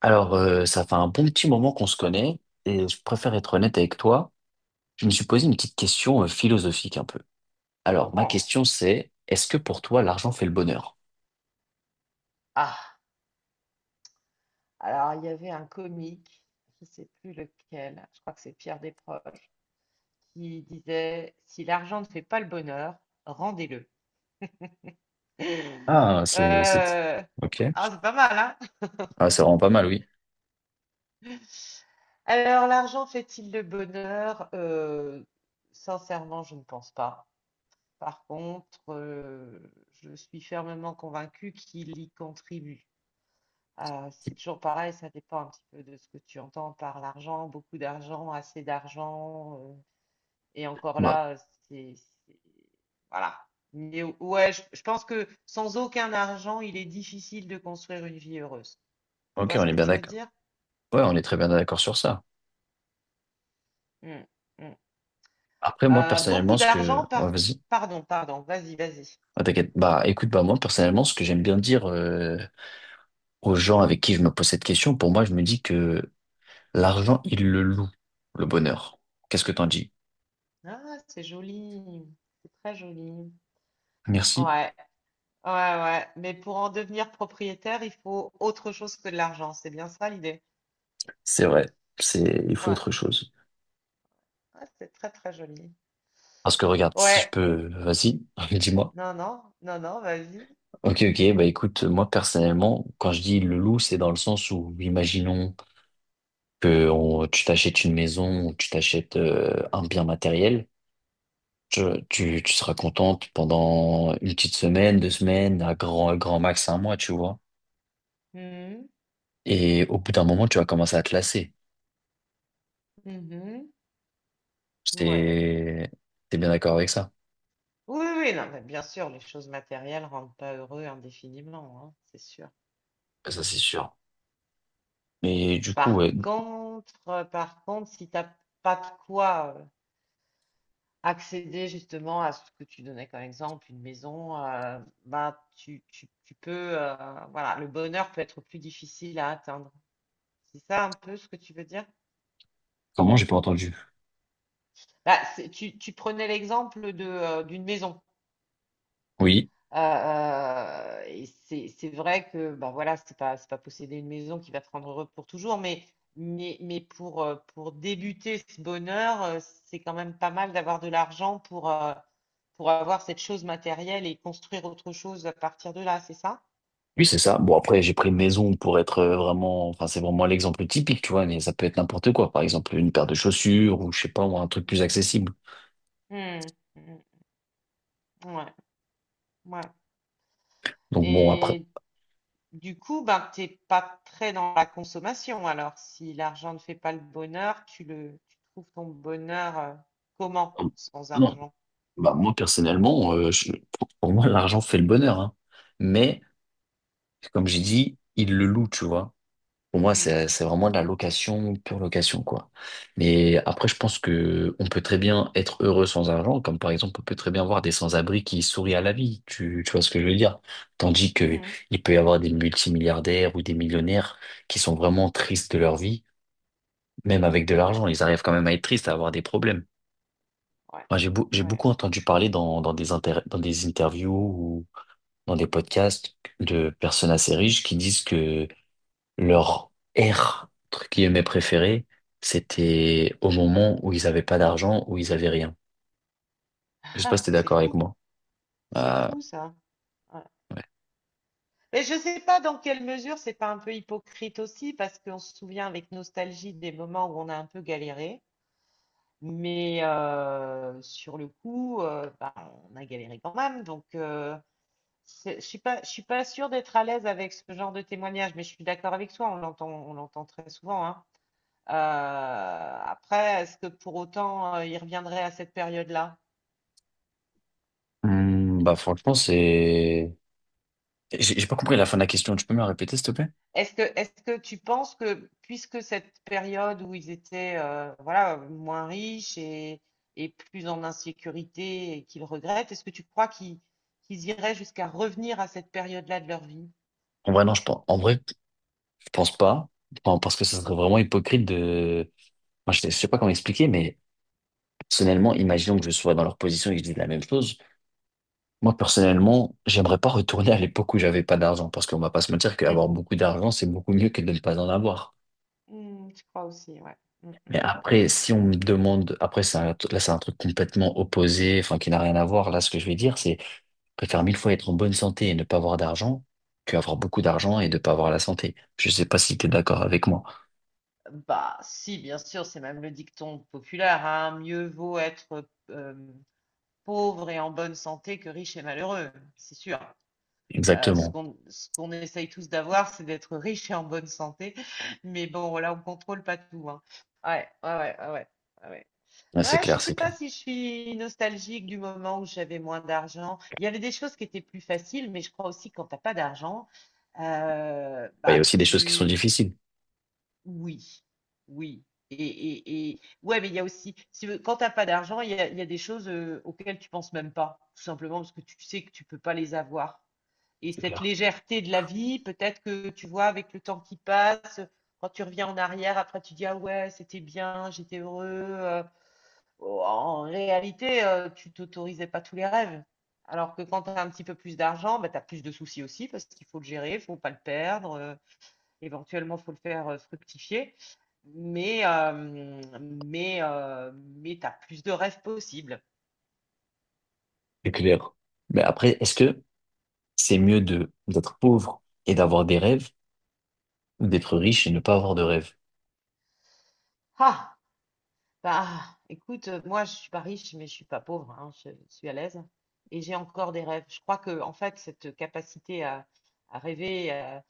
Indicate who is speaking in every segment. Speaker 1: Alors, ça fait un bon petit moment qu'on se connaît et je préfère être honnête avec toi. Je me suis posé une petite question philosophique un peu. Alors, ma
Speaker 2: Oh.
Speaker 1: question c'est, est-ce que pour toi l'argent fait le bonheur?
Speaker 2: Ah, alors il y avait un comique, je ne sais plus lequel, je crois que c'est Pierre Desproges, qui disait, si l'argent ne fait pas le bonheur, rendez-le.
Speaker 1: Ah, c'est...
Speaker 2: Euh,
Speaker 1: Ok.
Speaker 2: Ah, c'est pas mal, hein?
Speaker 1: Ah, c'est vraiment pas mal, oui.
Speaker 2: Alors, l'argent fait-il le bonheur? Sincèrement, je ne pense pas. Par contre, je suis fermement convaincue qu'il y contribue. C'est toujours pareil, ça dépend un petit peu de ce que tu entends par l'argent, beaucoup d'argent, assez d'argent. Et encore
Speaker 1: Bah,
Speaker 2: là, c'est, c'est- voilà. Mais ouais, je pense que sans aucun argent, il est difficile de construire une vie heureuse. Tu
Speaker 1: ok,
Speaker 2: vois
Speaker 1: on
Speaker 2: ce
Speaker 1: est
Speaker 2: que
Speaker 1: bien
Speaker 2: je veux
Speaker 1: d'accord.
Speaker 2: dire?
Speaker 1: Ouais, on est très bien d'accord sur ça.
Speaker 2: Hmm, hmm.
Speaker 1: Après, moi, personnellement,
Speaker 2: Beaucoup
Speaker 1: ce que...
Speaker 2: d'argent
Speaker 1: ouais,
Speaker 2: par...
Speaker 1: vas-y.
Speaker 2: Pardon, pardon, vas-y, vas-y.
Speaker 1: Ah, t'inquiète. Bah, écoute, bah, moi, personnellement, ce que j'aime bien dire aux gens avec qui je me pose cette question, pour moi, je me dis que l'argent, il le loue, le bonheur. Qu'est-ce que t'en dis?
Speaker 2: Ah, c'est joli. C'est très joli.
Speaker 1: Merci.
Speaker 2: Ouais, ouais, ouais. Mais pour en devenir propriétaire, il faut autre chose que de l'argent. C'est bien ça l'idée.
Speaker 1: C'est vrai. C'est, il faut
Speaker 2: Ouais.
Speaker 1: autre chose.
Speaker 2: Ah, c'est très très joli.
Speaker 1: Parce que regarde, si je
Speaker 2: Ouais,
Speaker 1: peux, vas-y, dis-moi.
Speaker 2: non, non, non, non, vas-y.
Speaker 1: Ok, ok, bah écoute, moi personnellement, quand je dis le loup, c'est dans le sens où, imaginons que tu t'achètes une maison, ou tu t'achètes un bien matériel, tu, tu seras contente pendant une petite semaine, deux semaines, à grand, grand max un mois, tu vois.
Speaker 2: Mhm,
Speaker 1: Et au bout d'un moment, tu vas commencer à te lasser.
Speaker 2: mhm, ouais.
Speaker 1: C'est, t'es bien d'accord avec ça?
Speaker 2: Oui, oui, non, mais bien sûr, les choses matérielles rendent pas heureux indéfiniment, hein, c'est sûr,
Speaker 1: Ça, c'est
Speaker 2: c'est sûr.
Speaker 1: sûr. Mais du coup, ouais,
Speaker 2: Par contre, si t'as pas de quoi accéder justement à ce que tu donnais comme exemple, une maison, tu peux, euh, voilà, le bonheur peut être plus difficile à atteindre. C'est ça un peu ce que tu veux dire?
Speaker 1: comment j'ai pas entendu?
Speaker 2: Tu, tu prenais l'exemple d'une maison.
Speaker 1: Oui.
Speaker 2: Heu et c'est vrai que, bah, voilà, c'est pas posséder une maison qui va te rendre heureux pour toujours, mais mais pour débuter ce bonheur, c'est quand même pas mal d'avoir de l'argent pour avoir cette chose matérielle et construire autre chose à partir de là, c'est ça?
Speaker 1: Oui, c'est ça. Bon, après, j'ai pris maison pour être vraiment, enfin, c'est vraiment l'exemple typique, tu vois, mais ça peut être n'importe quoi. Par exemple, une paire de chaussures ou, je sais pas, moi, un truc plus
Speaker 2: Mmh.
Speaker 1: accessible.
Speaker 2: Mmh. Mmh. Ouais, ouais,
Speaker 1: Donc, bon, après,
Speaker 2: et du coup, ben, t'es pas très dans la consommation alors? Si l'argent ne fait pas le bonheur, tu trouves ton bonheur, comment,
Speaker 1: euh,
Speaker 2: sans
Speaker 1: non.
Speaker 2: argent?
Speaker 1: Bah, moi, personnellement, pour moi, l'argent fait le bonheur, hein. Mais, comme j'ai dit, il le loue, tu vois. Pour moi, c'est
Speaker 2: Mmh.
Speaker 1: c'est vraiment de la location, pure location, quoi. Mais après, je pense que on peut très bien être heureux sans argent, comme par exemple, on peut très bien voir des sans-abri qui sourient à la vie. Tu vois ce que je veux dire? Tandis que
Speaker 2: Mmh.
Speaker 1: il peut y avoir des multimilliardaires ou des millionnaires qui sont vraiment tristes de leur vie, même avec de
Speaker 2: Ouais,
Speaker 1: l'argent, ils arrivent quand même à être tristes, à avoir des problèmes.
Speaker 2: ouais,
Speaker 1: Moi, j'ai
Speaker 2: ouais.
Speaker 1: beaucoup entendu parler dans des interviews ou dans des podcasts de personnes assez riches qui disent que leur ère, entre guillemets, préférée, c'était au moment où ils n'avaient pas d'argent, où ils avaient rien. Je sais pas si
Speaker 2: Ah,
Speaker 1: t'es d'accord avec moi.
Speaker 2: c'est
Speaker 1: Euh,
Speaker 2: fou ça. Ouais.
Speaker 1: ouais.
Speaker 2: Mais je ne sais pas dans quelle mesure c'est pas un peu hypocrite aussi, parce qu'on se souvient avec nostalgie des moments où on a un peu galéré, mais sur le coup, bah, on a galéré quand même. Donc, je suis pas sûre d'être à l'aise avec ce genre de témoignage, mais je suis d'accord avec toi, on l'entend très souvent, hein. Euh, Après, est-ce que pour autant, il reviendrait à cette période-là?
Speaker 1: Hmm, bah franchement, c'est... j'ai pas compris la fin de la question. Tu peux me la répéter, s'il te plaît?
Speaker 2: Est-ce que tu penses que, puisque cette période où ils étaient voilà, moins riches et plus en insécurité et qu'ils regrettent, est-ce que tu crois qu'ils qu'ils iraient jusqu'à revenir à cette période-là de leur vie?
Speaker 1: En vrai, non, je pense, en vrai, je pense pas. Enfin, parce que ça
Speaker 2: Mm.
Speaker 1: serait vraiment hypocrite de... Moi, je sais pas comment expliquer, mais personnellement, imaginons que je sois dans leur position et que je dise la même chose. Moi, personnellement, j'aimerais pas retourner à l'époque où j'avais pas d'argent. Parce qu'on va pas se mentir qu'avoir beaucoup d'argent, c'est beaucoup mieux que de ne pas en avoir.
Speaker 2: Mm, je crois aussi, ouais. Mm,
Speaker 1: Mais
Speaker 2: mm.
Speaker 1: après, si on me demande, après, là, c'est un truc complètement opposé, enfin, qui n'a rien à voir. Là, ce que je vais dire, c'est, je préfère mille fois être en bonne santé et ne pas avoir d'argent que avoir beaucoup d'argent et ne pas avoir la santé. Je sais pas si tu es d'accord avec moi.
Speaker 2: Bah, si, bien sûr, c'est même le dicton populaire, hein, mieux vaut être pauvre et en bonne santé que riche et malheureux, c'est sûr.
Speaker 1: Exactement.
Speaker 2: Ce qu'on essaye tous d'avoir, c'est d'être riche et en bonne santé. Mais bon, voilà, on contrôle pas tout, hein. Ouais, ouais, ouais, ouais, ouais. Ouais, ouais.
Speaker 1: Ouais, c'est
Speaker 2: Ouais, je
Speaker 1: clair,
Speaker 2: sais
Speaker 1: c'est clair.
Speaker 2: pas si je suis nostalgique du moment où j'avais moins d'argent. Il y avait des choses qui étaient plus faciles, mais je crois aussi que quand t'as pas d'argent, euh,
Speaker 1: Bah, il y a
Speaker 2: bah
Speaker 1: aussi des choses qui sont
Speaker 2: tu,
Speaker 1: difficiles.
Speaker 2: oui, oui. Et ouais, mais il y a aussi, si, quand t'as pas d'argent, il y a des choses auxquelles tu penses même pas, tout simplement parce que tu sais que tu peux pas les avoir et
Speaker 1: C'est
Speaker 2: cette
Speaker 1: clair.
Speaker 2: légèreté de la vie, peut-être que tu vois, avec le temps qui passe, quand tu reviens en arrière, après tu dis ah ouais, c'était bien, j'étais heureux. Oh, En réalité, tu t'autorisais pas tous les rêves. Alors que quand tu as un petit peu plus d'argent, bah, tu as plus de soucis aussi parce qu'il faut le gérer, il faut pas le perdre, éventuellement, il faut le faire fructifier. Mais tu as plus de rêves possibles.
Speaker 1: C'est clair. Mais après, est-ce que c'est mieux de, d'être pauvre et d'avoir des rêves ou d'être riche et ne pas avoir de rêves?
Speaker 2: Ah, bah, écoute, moi, je suis pas riche, mais je suis pas pauvre, hein, je, suis à l'aise et j'ai encore des rêves. Je crois que, en fait, cette capacité à rêver,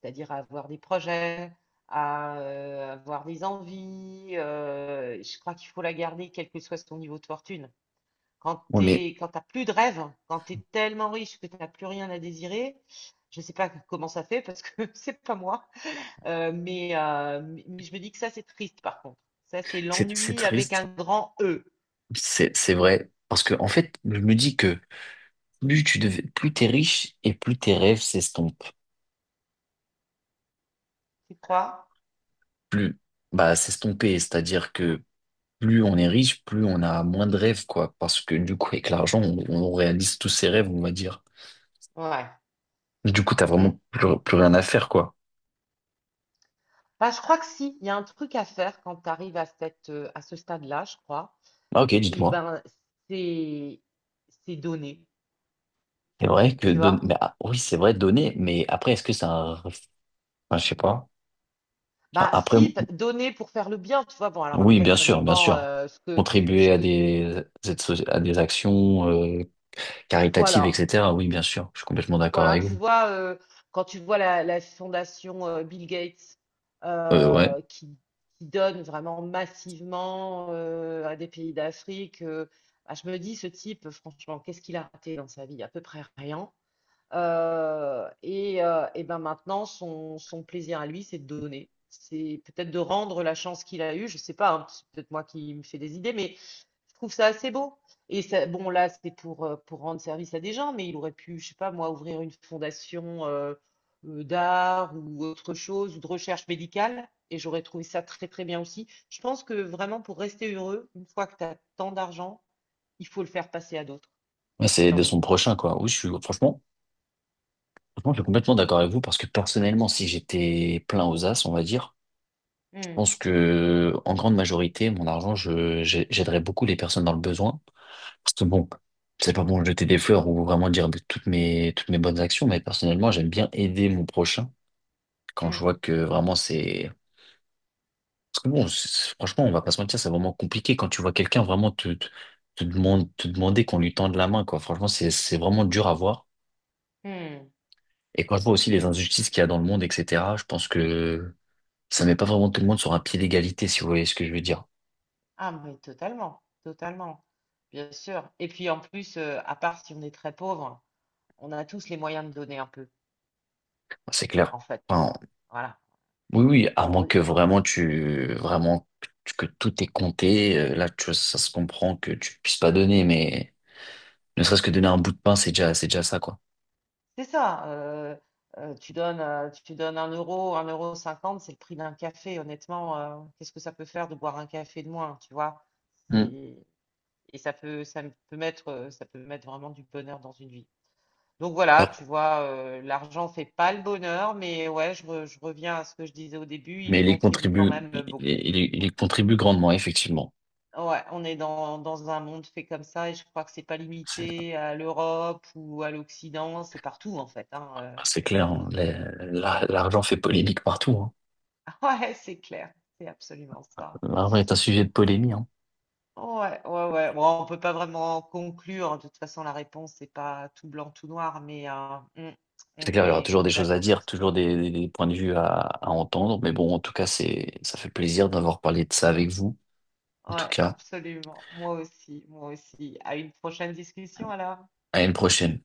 Speaker 2: c'est-à-dire à avoir des projets, à avoir des envies, je crois qu'il faut la garder, quel que soit son niveau de fortune.
Speaker 1: Oui, mais
Speaker 2: Quand t'as plus de rêves, quand tu es tellement riche que tu n'as plus rien à désirer, je sais pas comment ça fait parce que c'est pas moi. Euh, mais, euh, mais je me dis que ça, c'est triste, par contre. Ça, c'est
Speaker 1: c'est
Speaker 2: l'ennui avec un
Speaker 1: triste.
Speaker 2: grand E.
Speaker 1: C'est vrai. Parce que, en fait, je me dis que, plus tu devais, plus t'es riche et plus tes rêves s'estompent.
Speaker 2: Tu crois?
Speaker 1: Plus, bah, s'estomper, c'est-à-dire que plus on est riche, plus on a moins de rêves, quoi. Parce que du coup, avec l'argent, on réalise tous ses rêves, on va dire.
Speaker 2: Ouais.
Speaker 1: Du coup, t'as
Speaker 2: Mm.
Speaker 1: vraiment plus, plus rien à faire, quoi.
Speaker 2: Bah, je crois que si, il y a un truc à faire quand tu arrives à cette, à ce stade-là, je crois.
Speaker 1: Ah, ok,
Speaker 2: Et
Speaker 1: dites-moi.
Speaker 2: ben, c'est, c'est donner,
Speaker 1: C'est vrai que
Speaker 2: tu
Speaker 1: donner,
Speaker 2: vois?
Speaker 1: mais, ah, oui, c'est vrai, donner, mais après, est-ce que c'est un, enfin, je sais pas. Enfin,
Speaker 2: Bah,
Speaker 1: après,
Speaker 2: si, p- Donner pour faire le bien, tu vois. Bon, alors
Speaker 1: oui,
Speaker 2: après,
Speaker 1: bien
Speaker 2: ça
Speaker 1: sûr, bien
Speaker 2: dépend
Speaker 1: sûr.
Speaker 2: ce
Speaker 1: Contribuer à
Speaker 2: que,
Speaker 1: à des actions, caritatives,
Speaker 2: voilà.
Speaker 1: etc. Oui, bien sûr. Je suis complètement d'accord
Speaker 2: Voilà,
Speaker 1: avec
Speaker 2: tu
Speaker 1: vous.
Speaker 2: vois, quand tu vois la fondation Bill Gates
Speaker 1: Ouais.
Speaker 2: euh, qui, qui donne vraiment massivement à des pays d'Afrique, ah, je me dis, ce type, franchement, qu'est-ce qu'il a raté dans sa vie? À peu près rien. Et ben maintenant, son plaisir à lui, c'est de donner. C'est peut-être de rendre la chance qu'il a eue. Je sais pas, hein, c'est peut-être moi qui me fais des idées, mais je trouve ça assez beau. Bon, là, c'est pour rendre service à des gens, mais il aurait pu, je sais pas, moi, ouvrir une fondation d'art ou autre chose, ou de recherche médicale. Et j'aurais trouvé ça très, très bien aussi. Je pense que vraiment, pour rester heureux, une fois que tu as tant d'argent, il faut le faire passer à d'autres.
Speaker 1: Ouais,
Speaker 2: Qu'est-ce que
Speaker 1: c'est de
Speaker 2: t'en dis?
Speaker 1: son prochain, quoi. Oui, je suis, franchement, franchement, je suis complètement d'accord avec vous parce que personnellement, si j'étais plein aux as, on va dire, je
Speaker 2: Hmm,
Speaker 1: pense que, en grande majorité, mon argent, j'aiderais beaucoup les personnes dans le besoin. Parce que bon, c'est pas bon de jeter des fleurs ou vraiment dire de toutes mes bonnes actions, mais personnellement, j'aime bien aider mon prochain quand je
Speaker 2: hmm,
Speaker 1: vois que vraiment c'est, parce que bon, franchement, on va pas se mentir, c'est vraiment compliqué quand tu vois quelqu'un vraiment te demander qu'on lui tende la main, quoi. Franchement, c'est vraiment dur à voir.
Speaker 2: hmm.
Speaker 1: Et quand je vois aussi les injustices qu'il y a dans le monde, etc., je pense que ça met pas vraiment tout le monde sur un pied d'égalité, si vous voyez ce que je veux dire.
Speaker 2: Ah, mais totalement, totalement, bien sûr. Et puis en plus, à part si on est très pauvre, on a tous les moyens de donner un peu,
Speaker 1: C'est clair.
Speaker 2: en fait.
Speaker 1: Enfin,
Speaker 2: Voilà.
Speaker 1: oui, oui, à moins
Speaker 2: On- on-
Speaker 1: que vraiment vraiment que tout est compté, là, tu vois, ça se comprend que tu puisses pas donner, mais ne serait-ce que donner un bout de pain, c'est déjà ça, quoi.
Speaker 2: c'est ça. Tu donnes, tu donnes un euro cinquante, c'est le prix d'un café. Honnêtement, qu'est-ce que ça peut faire de boire un café de moins, tu vois?
Speaker 1: Mm.
Speaker 2: C'est, et ça peut, Ça peut mettre, ça peut mettre vraiment du bonheur dans une vie. Donc voilà,
Speaker 1: Alors,
Speaker 2: tu vois, l'argent fait pas le bonheur, mais ouais, je reviens à ce que je disais au début, il
Speaker 1: mais
Speaker 2: y
Speaker 1: il y
Speaker 2: contribue quand
Speaker 1: contribue,
Speaker 2: même beaucoup,
Speaker 1: il y
Speaker 2: beaucoup,
Speaker 1: contribue
Speaker 2: beaucoup.
Speaker 1: grandement, effectivement.
Speaker 2: Ouais, on est dans un monde fait comme ça et je crois que c'est pas
Speaker 1: C'est
Speaker 2: limité à l'Europe ou à l'Occident, c'est partout en fait, hein,
Speaker 1: c'est clair, hein.
Speaker 2: partout.
Speaker 1: L'argent fait polémique partout, hein.
Speaker 2: Ouais, c'est clair, c'est absolument ça.
Speaker 1: L'argent est un sujet de polémie, hein.
Speaker 2: Ouais, ouais, ouais. Bon, on peut pas vraiment conclure, hein, de toute façon la réponse c'est pas tout blanc, tout noir, mais
Speaker 1: C'est clair, il y aura toujours
Speaker 2: on
Speaker 1: des
Speaker 2: est
Speaker 1: choses à
Speaker 2: d'accord sur
Speaker 1: dire,
Speaker 2: ce
Speaker 1: toujours
Speaker 2: plan-là.
Speaker 1: des points de vue à entendre. Mais bon, en tout cas, c'est, ça fait plaisir d'avoir parlé de ça avec vous. En tout
Speaker 2: Ouais,
Speaker 1: cas,
Speaker 2: absolument. Moi aussi, moi aussi. À une prochaine discussion alors.
Speaker 1: à une prochaine.